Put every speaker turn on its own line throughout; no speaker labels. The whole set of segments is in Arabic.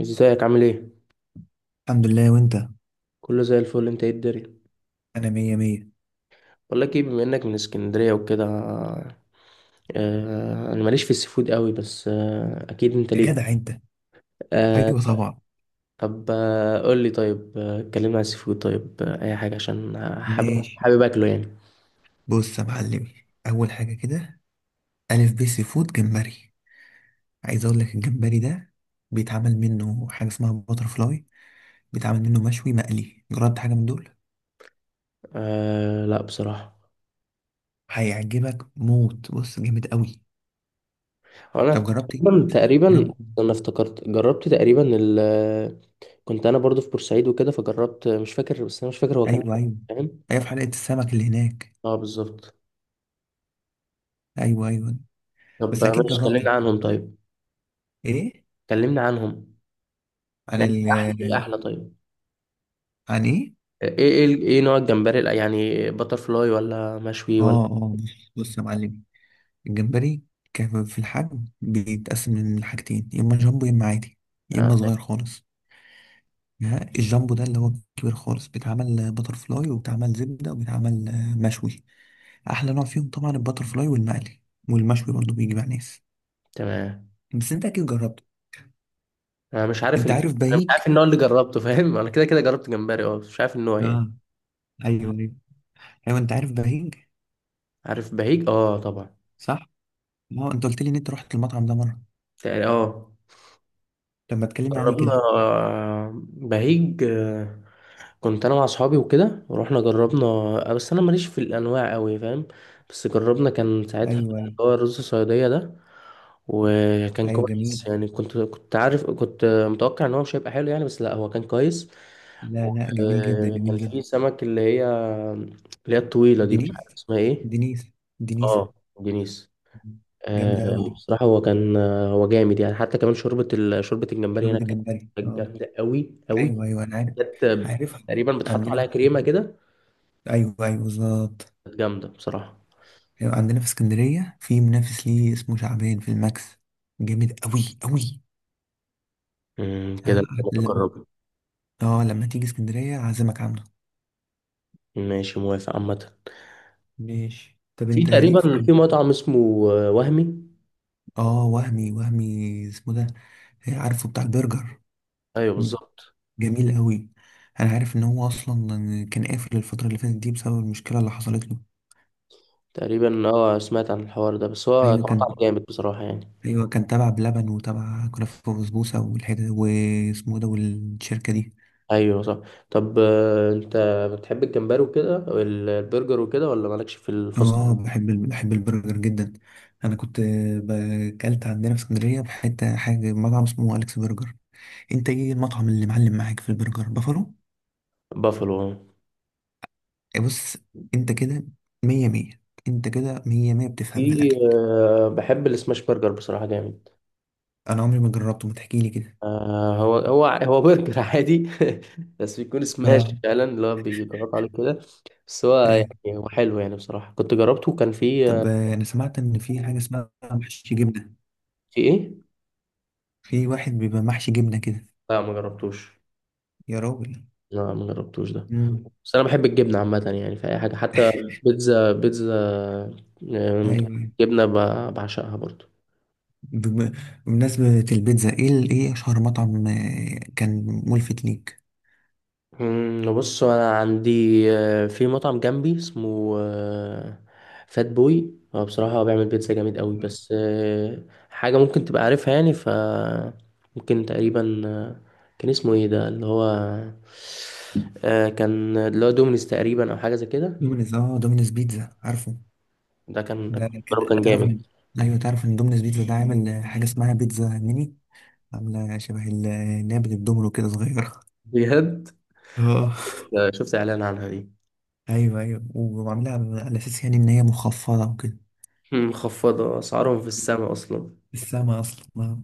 ازيك؟ عامل ايه؟
الحمد لله، وانت؟
كله زي الفل، انت ايه الدنيا؟
انا مية مية.
بقول لك ايه، بما انك من اسكندريه وكده، انا ماليش في السيفود قوي، بس اكيد انت
يا
ليك.
جدع انت.
آه.
ايوه طبعا.
طب، قول لي، طيب اتكلمنا عن السيفود، طيب اي حاجه عشان حابب
ماشي.
حابب اكله يعني.
بص يا معلمي، اول حاجه كده. الف ب سي فود جمبري. عايز اقول لك الجمبري ده بيتعمل منه حاجه اسمها باتر فلاي. بيتعمل منه مشوي مقلي. جربت حاجه من دول؟
آه، لا بصراحه.
هيعجبك موت. بص، جامد قوي.
هو انا،
طب، جربت ايه؟
تقريبا تقريبا،
جربت إيه؟
انا افتكرت جربت تقريبا ال، كنت انا برضو في بورسعيد وكده، فجربت، مش فاكر، بس انا مش فاكر هو كان
ايوه، ايوه،
إيه، فاهم؟
ايوه، في حلقه السمك اللي هناك.
اه، بالظبط.
ايوه، ايوه.
طب،
بس اكيد
ماشي،
جربت.
كلمنا عنهم طيب.
ايه.
كلمنا عنهم.
عن
يعني
ال
احلى ايه؟ احلى، طيب.
عن ايه؟
ايه نوع الجمبري، يعني بتر فلاي ولا مشوي ولا؟
اه، اه، بص بص يا معلم. الجمبري كان في الحجم بيتقسم من حاجتين، يا اما جامبو يا اما عادي يا
آه.
اما صغير خالص. ها، الجامبو ده اللي هو كبير خالص بيتعمل باتر فلاي وبيتعمل زبدة وبيتعمل مشوي. احلى نوع فيهم طبعا الباتر فلاي والمقلي. والمشوي برضه بيجي مع ناس.
تمام.
بس انت اكيد جربته.
انا مش عارف
انت
ال...
عارف
انا مش
بهيج.
عارف النوع اللي جربته، فاهم؟ انا كده كده جربت جمبري، اه، بس مش عارف النوع يعني.
اه، ايوه، ايوه، ايوه، انت عارف بهيج،
عارف بهيج، اه طبعا.
صح. ما هو انت قلت لي ان انت رحت المطعم ده مره.
تقريبا اه.
طب ما تكلمني عليه
جربنا،
كده.
بهيج، كنت انا مع اصحابي وكده، ورحنا جربنا، بس انا ماليش في الانواع قوي، فاهم؟ بس جربنا، كان ساعتها
ايوه،
اللي
ايوه،
هو الرز الصياديه ده. وكان
ايوه،
كويس
جميل.
يعني، كنت عارف، كنت متوقع ان هو مش هيبقى حلو يعني، بس لا، هو كان كويس.
لا، لا، جميل جدا، جميل
وكان
جدا.
في سمك اللي هي، اللي هي الطويله دي، مش
دنيس،
عارف اسمها ايه.
دنيس، دنيسة.
اه، دينيس،
جامدة أوي
آه،
دي.
بصراحه هو كان، هو جامد يعني. حتى كمان شوربه شوربه الجمبري
شوربة
هناك
الجمبري،
كانت
اه.
جامده قوي قوي.
أيوه، أيوه، أنا عارف.
كانت
عارفها.
تقريبا بتحط
عندنا
عليها
في.
كريمه كده.
أيوه، أيوه، بالظبط.
كانت جامدة بصراحة.
أيوة، عندنا في اسكندرية في منافس ليه اسمه شعبان في الماكس. جامد أوي أوي. اه.
كده
لما
متقربة.
لما تيجي اسكندرية أعزمك عنده.
ماشي، موافق عامة.
ماشي. طب
في
أنت ليك في.
تقريبا، في مطعم اسمه وهمي.
اه، وهمي، وهمي اسمه ده. عارفه بتاع البرجر.
ايوه، بالظبط.
جميل قوي. انا عارف ان هو اصلا كان قافل الفتره اللي فاتت دي بسبب المشكله اللي حصلت له.
تقريبا اه، سمعت عن الحوار ده، بس هو كان
ايوه كان.
مطعم جامد بصراحة يعني.
ايوه كان تبع بلبن وتبع كنافه وبسبوسه والحته واسمه إيه ده والشركه دي.
ايوه، صح. طب، انت بتحب الجمبري وكده، البرجر وكده، ولا مالكش في الفصل؟
اه، بحب البرجر جدا. انا كنت اكلت عندنا في اسكندريه في حته حاجه مطعم اسمه اليكس برجر. انت ايه المطعم اللي معلم معاك في البرجر بافالو؟
بافلو، آه.
إيه، بص. انت كده مية مية. انت كده مية مية بتفهم في
في،
الاكل.
بحب السماش برجر بصراحة، جامد.
انا عمري ما جربته، ما تحكيلي كده.
هو برجر عادي. بس بيكون سماش
اه،
فعلا، اللي هو بيضغط عليه كده. بس هو،
ايوه.
يعني هو حلو يعني، بصراحة كنت جربته كان فيه.
طب، انا سمعت ان في حاجه اسمها محشي جبنه.
في ايه؟
في واحد بيبقى محشي جبنه كده.
لا، ما جربتوش.
يا راجل.
لا، ما جربتوش ده.
امم.
بس انا بحب الجبنة عامة، يعني في اي حاجة، حتى بيتزا بيتزا، آه،
ايوه.
جبنة بعشقها برضو.
بم- بمناسبه البيتزا، ايه ايه اشهر مطعم كان ملفت ليك؟
بص، انا عندي في مطعم جنبي اسمه فات بوي. هو بصراحة هو بيعمل بيتزا جامد قوي، بس حاجة ممكن تبقى عارفها يعني، ف، ممكن تقريبا، كان اسمه ايه ده اللي هو، كان اللي هو دومينيز تقريبا، او حاجة زي كده.
دومينيز، اه دومينيز بيتزا، عارفه.
ده كان
ده كده
كان
تعرف
جامد،
ان. ايوه، تعرف ان دومينيز بيتزا ده عامل حاجه اسمها بيتزا ميني. عامله شبه اللي هي بتدومينو كده صغيره.
بجد.
اه.
شفت اعلان عنها دي.
ايوه، ايوه، وعاملها على اساس يعني ان هي مخفضه وكده.
مخفضة، اسعارهم في السماء اصلا.
السما اصلا.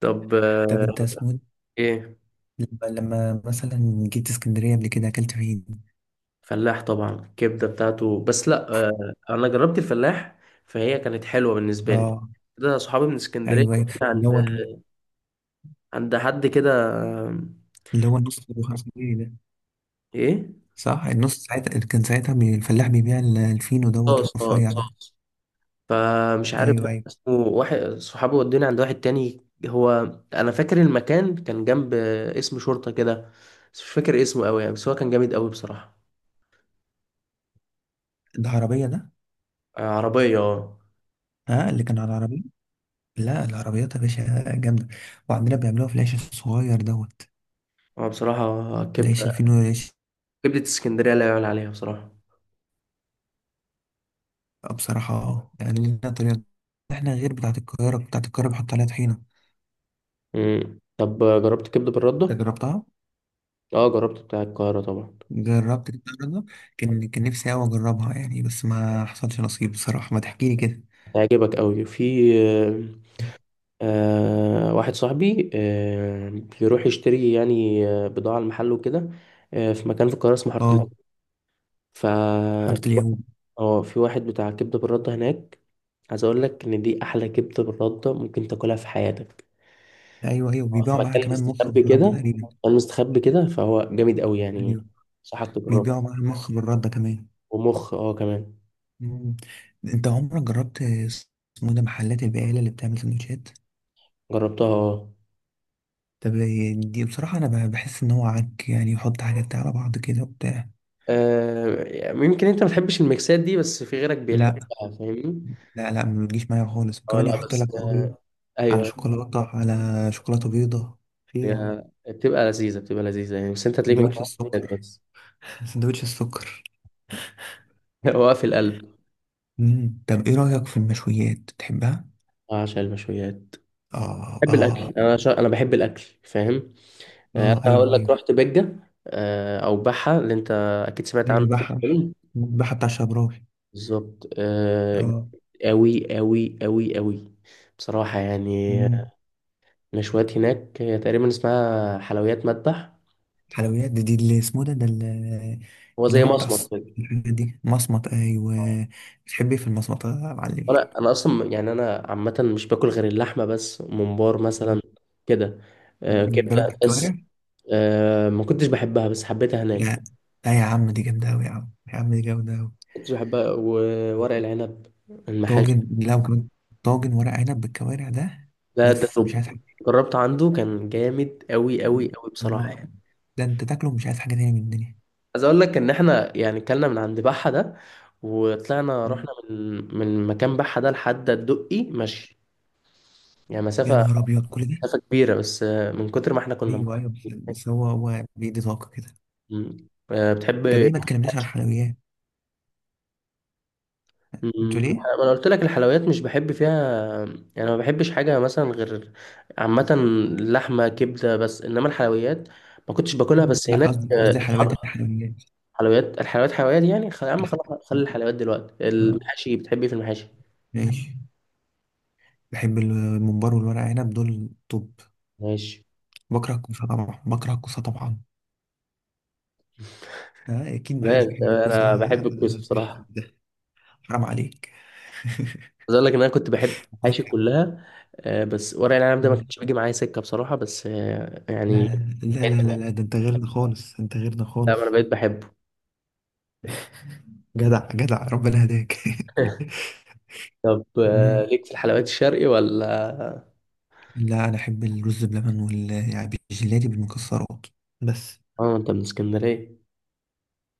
طب،
طب، انت اسمه إيه؟
ايه؟
لما مثلا جيت اسكندرية قبل كده أكلت فين؟
فلاح طبعا، الكبده بتاعته، بس لا، انا جربت الفلاح، فهي كانت حلوه بالنسبه لي.
اه،
ده صحابي من اسكندريه،
أيوه، أيوه.
كنا عند،
اللي هو
عند حد كده، آه،
اللي هو النص أبو خمسة جنيه ده.
ايه؟
صح، النص ساعتها كان الفلاح بيبيع الفينو دوت
صوص، اه
الرفيع ده.
صوص. فمش عارف
أيوه،
بقى
أيوه.
اسمه. واحد صحابي ودوني عند واحد تاني. هو، انا فاكر المكان كان جنب، اسم شرطه كده، بس مش فاكر اسمه قوي يعني، بس هو كان جامد قوي بصراحه.
العربية ده.
عربيه، اه.
ها اللي كان على العربية. لا، العربيات يا باشا جامدة. وعندنا بيعملوها في العيش الصغير دوت.
بصراحه،
العيش
كبده
الفينو العيش.
كبده اسكندريه لا يعلى عليها بصراحه.
بصراحة، اه يعني لنا طريقة. احنا غير بتاعة القاهرة، بتاعة القاهرة بيحط عليها طحينة.
مم. طب، جربت كبده
انت
بالرده؟
جربتها؟
اه، جربت بتاع القاهرة طبعا.
جربت دي الرياضة. كان نفسي أوي أجربها يعني، بس ما حصلش نصيب بصراحة، ما تحكيلي كده.
هيعجبك قوي، في، واحد صاحبي، بيروح يشتري يعني، بضاعة المحل وكده. في مكان في القاهرة اسمه حارة،
اه.
ف،
حارة اليهود.
اه، في واحد بتاع كبدة بالردة هناك. عايز اقول لك ان دي احلى كبدة بالردة ممكن تاكلها في حياتك.
أيوه، أيوه،
في
بيبيعوا معاها
مكان
كمان مخ
مستخبي
بالردة
كده،
تقريبا.
مكان مستخبي كده، فهو جامد قوي يعني.
أيوه،
انصحك تجربه.
بيبيعوا معاها مخ بالردة كمان.
ومخ، اه، كمان.
مم. أنت عمرك جربت اسمه ده محلات البقالة اللي بتعمل سندوتشات؟
جربتها اه.
طب. دي بصراحة، أنا بحس إن هو عك يعني، يحط حاجات على بعض كده وبتاع.
يمكن انت ما بتحبش الميكسات دي، بس في غيرك بيحبها،
لا،
فاهمني؟
لا، لا، ما بتجيش معايا خالص،
اه
وكمان
لا،
يحط
بس
لك أوريو على
ايوه،
شوكولاتة، على شوكولاتة بيضة. في إيه يا عم.
هي بتبقى لذيذه، بتبقى لذيذه يعني، بس انت هتلاقيك ما
سندوتش
بتحبش المشويات
السكر.
بس.
سندوتش السكر.
هو في القلب.
مم. طب ايه رأيك في المشويات، بتحبها؟
عشان المشويات،
اه،
بحب الاكل،
اه.
انا انا بحب الاكل، فاهم؟
اه،
انا
ايوه،
هقول لك،
ايوه،
رحت بجه، او بحه، اللي انت اكيد سمعت عنه
ايوه.
في
بحة،
الفيلم.
بحة بتاع شبراوي.
بالظبط،
اه.
أوي أوي أوي أوي، بصراحة يعني.
مم.
المشويات هناك، هي تقريبا اسمها حلويات مذبح.
حلويات دي اللي اسمه ده اللي
هو
اللي
زي
هو بتاع
مصمت كده.
الحاجات دي مصمت، ايوه. بتحب ايه في المصمتة يا معلم؟
انا اصلا، يعني انا عامه مش باكل غير اللحمه، بس ممبار
مم.
مثلا، كده.
جربت
كبده بس.
الكوارع.
ما كنتش بحبها، بس حبيتها هناك.
لا. لا يا عم دي جامدة أوي، يا عم، يا عم دي جامدة أوي.
كنتش بحبها، وورق العنب، المحاشي،
طاجن لو كمان. طاجن ورق عنب بالكوارع ده.
ده
بس مش
توب.
عايز حاجة.
جربت عنده كان جامد قوي قوي قوي
يا
بصراحه
نهار
يعني.
أبيض. ده انت تاكله مش عايز حاجه تانية من الدنيا.
عايز اقول لك ان احنا يعني كلنا من عند بحه ده، وطلعنا رحنا
مم.
من مكان بحه ده لحد الدقي، ماشي؟ يعني
يا
مسافه
نهار ابيض، كل ده.
مسافه كبيره، بس من كتر ما احنا كنا
ايوه، ايوه، بس
مبسوطين.
بس هو بيدي طاقه كده.
مم. بتحب.
طب ايه، ما تكلمناش عن الحلويات.
مم،
انتوا ليه؟
انا قلت لك، الحلويات مش بحب فيها، يعني ما بحبش حاجه مثلا، غير، عامه، لحمه، كبده بس، انما الحلويات ما كنتش باكلها،
مم.
بس
لا،
هناك،
قصدي قصدي حلويات
حط،
الحلويات.
حلويات الحلويات، حلويات يعني، يا عم خلاص، خلي الحلويات دلوقتي،
آه،
المحاشي، بتحب ايه في المحاشي؟
ماشي. بحب الممبار والورق عنب دول. طب.
ماشي.
بكره الكوسه طبعا، بكره الكوسه طبعا. اكيد ما حدش
لا،
بيحب الكوسه،
انا بحب الكوسه
مش
بصراحه.
ده. حرام عليك.
عايز اقول لك ان انا كنت بحب
لا،
المحاشي كلها، بس ورق العنب ده ما
لا،
كانش بيجي معايا سكه بصراحه، بس يعني،
لا، لا، لا، لا. ده انت غيرنا خالص، انت غيرنا
لا، انا
خالص.
بقيت بحبه.
جدع جدع ربنا هداك.
طب،
مم.
ليك في الحلويات الشرقي، ولا؟
لا انا احب الرز بلبن يعني بالجيلاتي بالمكسرات. بس.
اه، انت من اسكندرية.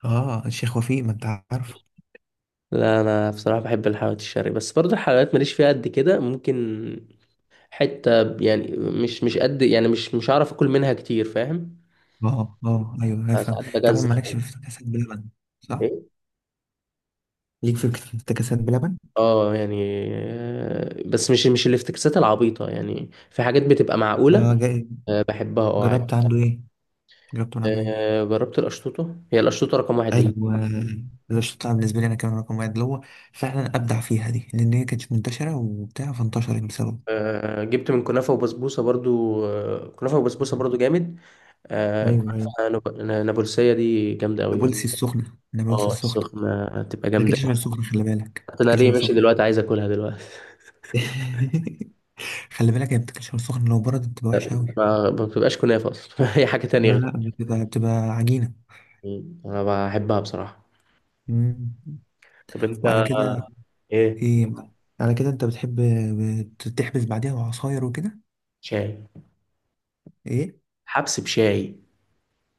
اه، الشيخ وفيق، ما انت عارفه.
لا، انا بصراحة بحب الحلويات الشرقي، بس برضه الحلويات ماليش فيها قد كده، ممكن حتة، يعني مش قد، يعني مش هعرف اكل منها كتير، فاهم؟
اه، اه، ايوه،
أنا
افهم.
ساعات
طبعا
بجزع
مالكش في
كده.
افتكاسات بلبن. صح.
ايه؟
ليك في. افتكاسات بلبن.
اه، يعني بس مش الافتكاسات العبيطة، يعني في حاجات بتبقى
اه،
معقولة. بحبها، اه، عادي.
جربت عنده ايه؟ جربت من عنده ايه؟
جربت القشطوطة، هي القشطوطة رقم واحد بالنسبة
ايوه.
لي.
ده الشطه بالنسبه لي انا كان رقم واحد، اللي هو فعلا ابدع فيها دي لان هي كانت منتشره وبتاع فانتشرت بسببه.
جبت من كنافة وبسبوسة برضو، كنافة وبسبوسة برضو جامد.
ايوه،
كنافة
ايوه.
نابلسية دي جامدة أوي يعني.
نابلسي السخنه، نابلسي
اه،
السخنه.
السخنة هتبقى جامدة
تاكلش
أوي.
غير سخن، خلي بالك،
حتى أنا
تاكلش
ليه
غير
ماشي
سخن.
دلوقتي، عايز أكلها دلوقتي.
خلي بالك هي بتاكلش غير سخن، لو بردت بتبقى وحشه قوي.
ما بتبقاش كنافة أصلا. هي حاجة تانية،
لا،
غير.
لا، بتبقى عجينه.
أنا بحبها بصراحة.
مم.
طب أنت.
وعلى كده.
إيه؟
ايه. على كده انت بتحب تحبس بعديها وعصاير وكده.
شاي.
ايه.
حبس بشاي.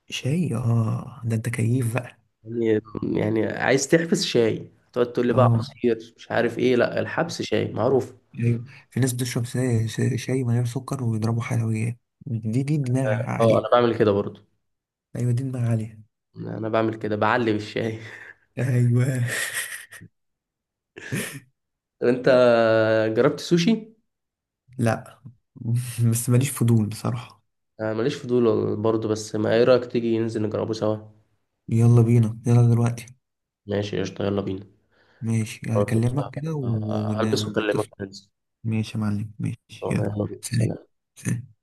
شاي. اه، ده انت كيف بقى.
يعني يعني عايز تحبس شاي، تقعد تقول لي بقى
اه،
عصير مش عارف إيه؟ لا، الحبس شاي معروف.
ايوه. في ناس بتشرب شاي من غير سكر ويضربوا حلويات. دي دماغ
اه، أنا
عاليه.
بعمل كده برضو.
ايوه، دي دماغ عاليه.
أنا بعمل كده، بعلي بالشاي.
ايوه.
طب أنت، جربت سوشي؟
لا. بس ماليش فضول بصراحه.
أنا ماليش فضول برضو، بس ما إيه رأيك، تيجي ننزل نجربه سوا؟
يلا بينا، يلا دلوقتي.
ماشي، قشطة، يلا بينا.
ماشي،
خلاص، قشطة.
هكلمك كده
هلبس وأكلمك
ونتصل.
ننزل.
ماشي يا معلم، ماشي،
تمام،
يلا.
يلا بينا،
سلام.
سلام.
سلام.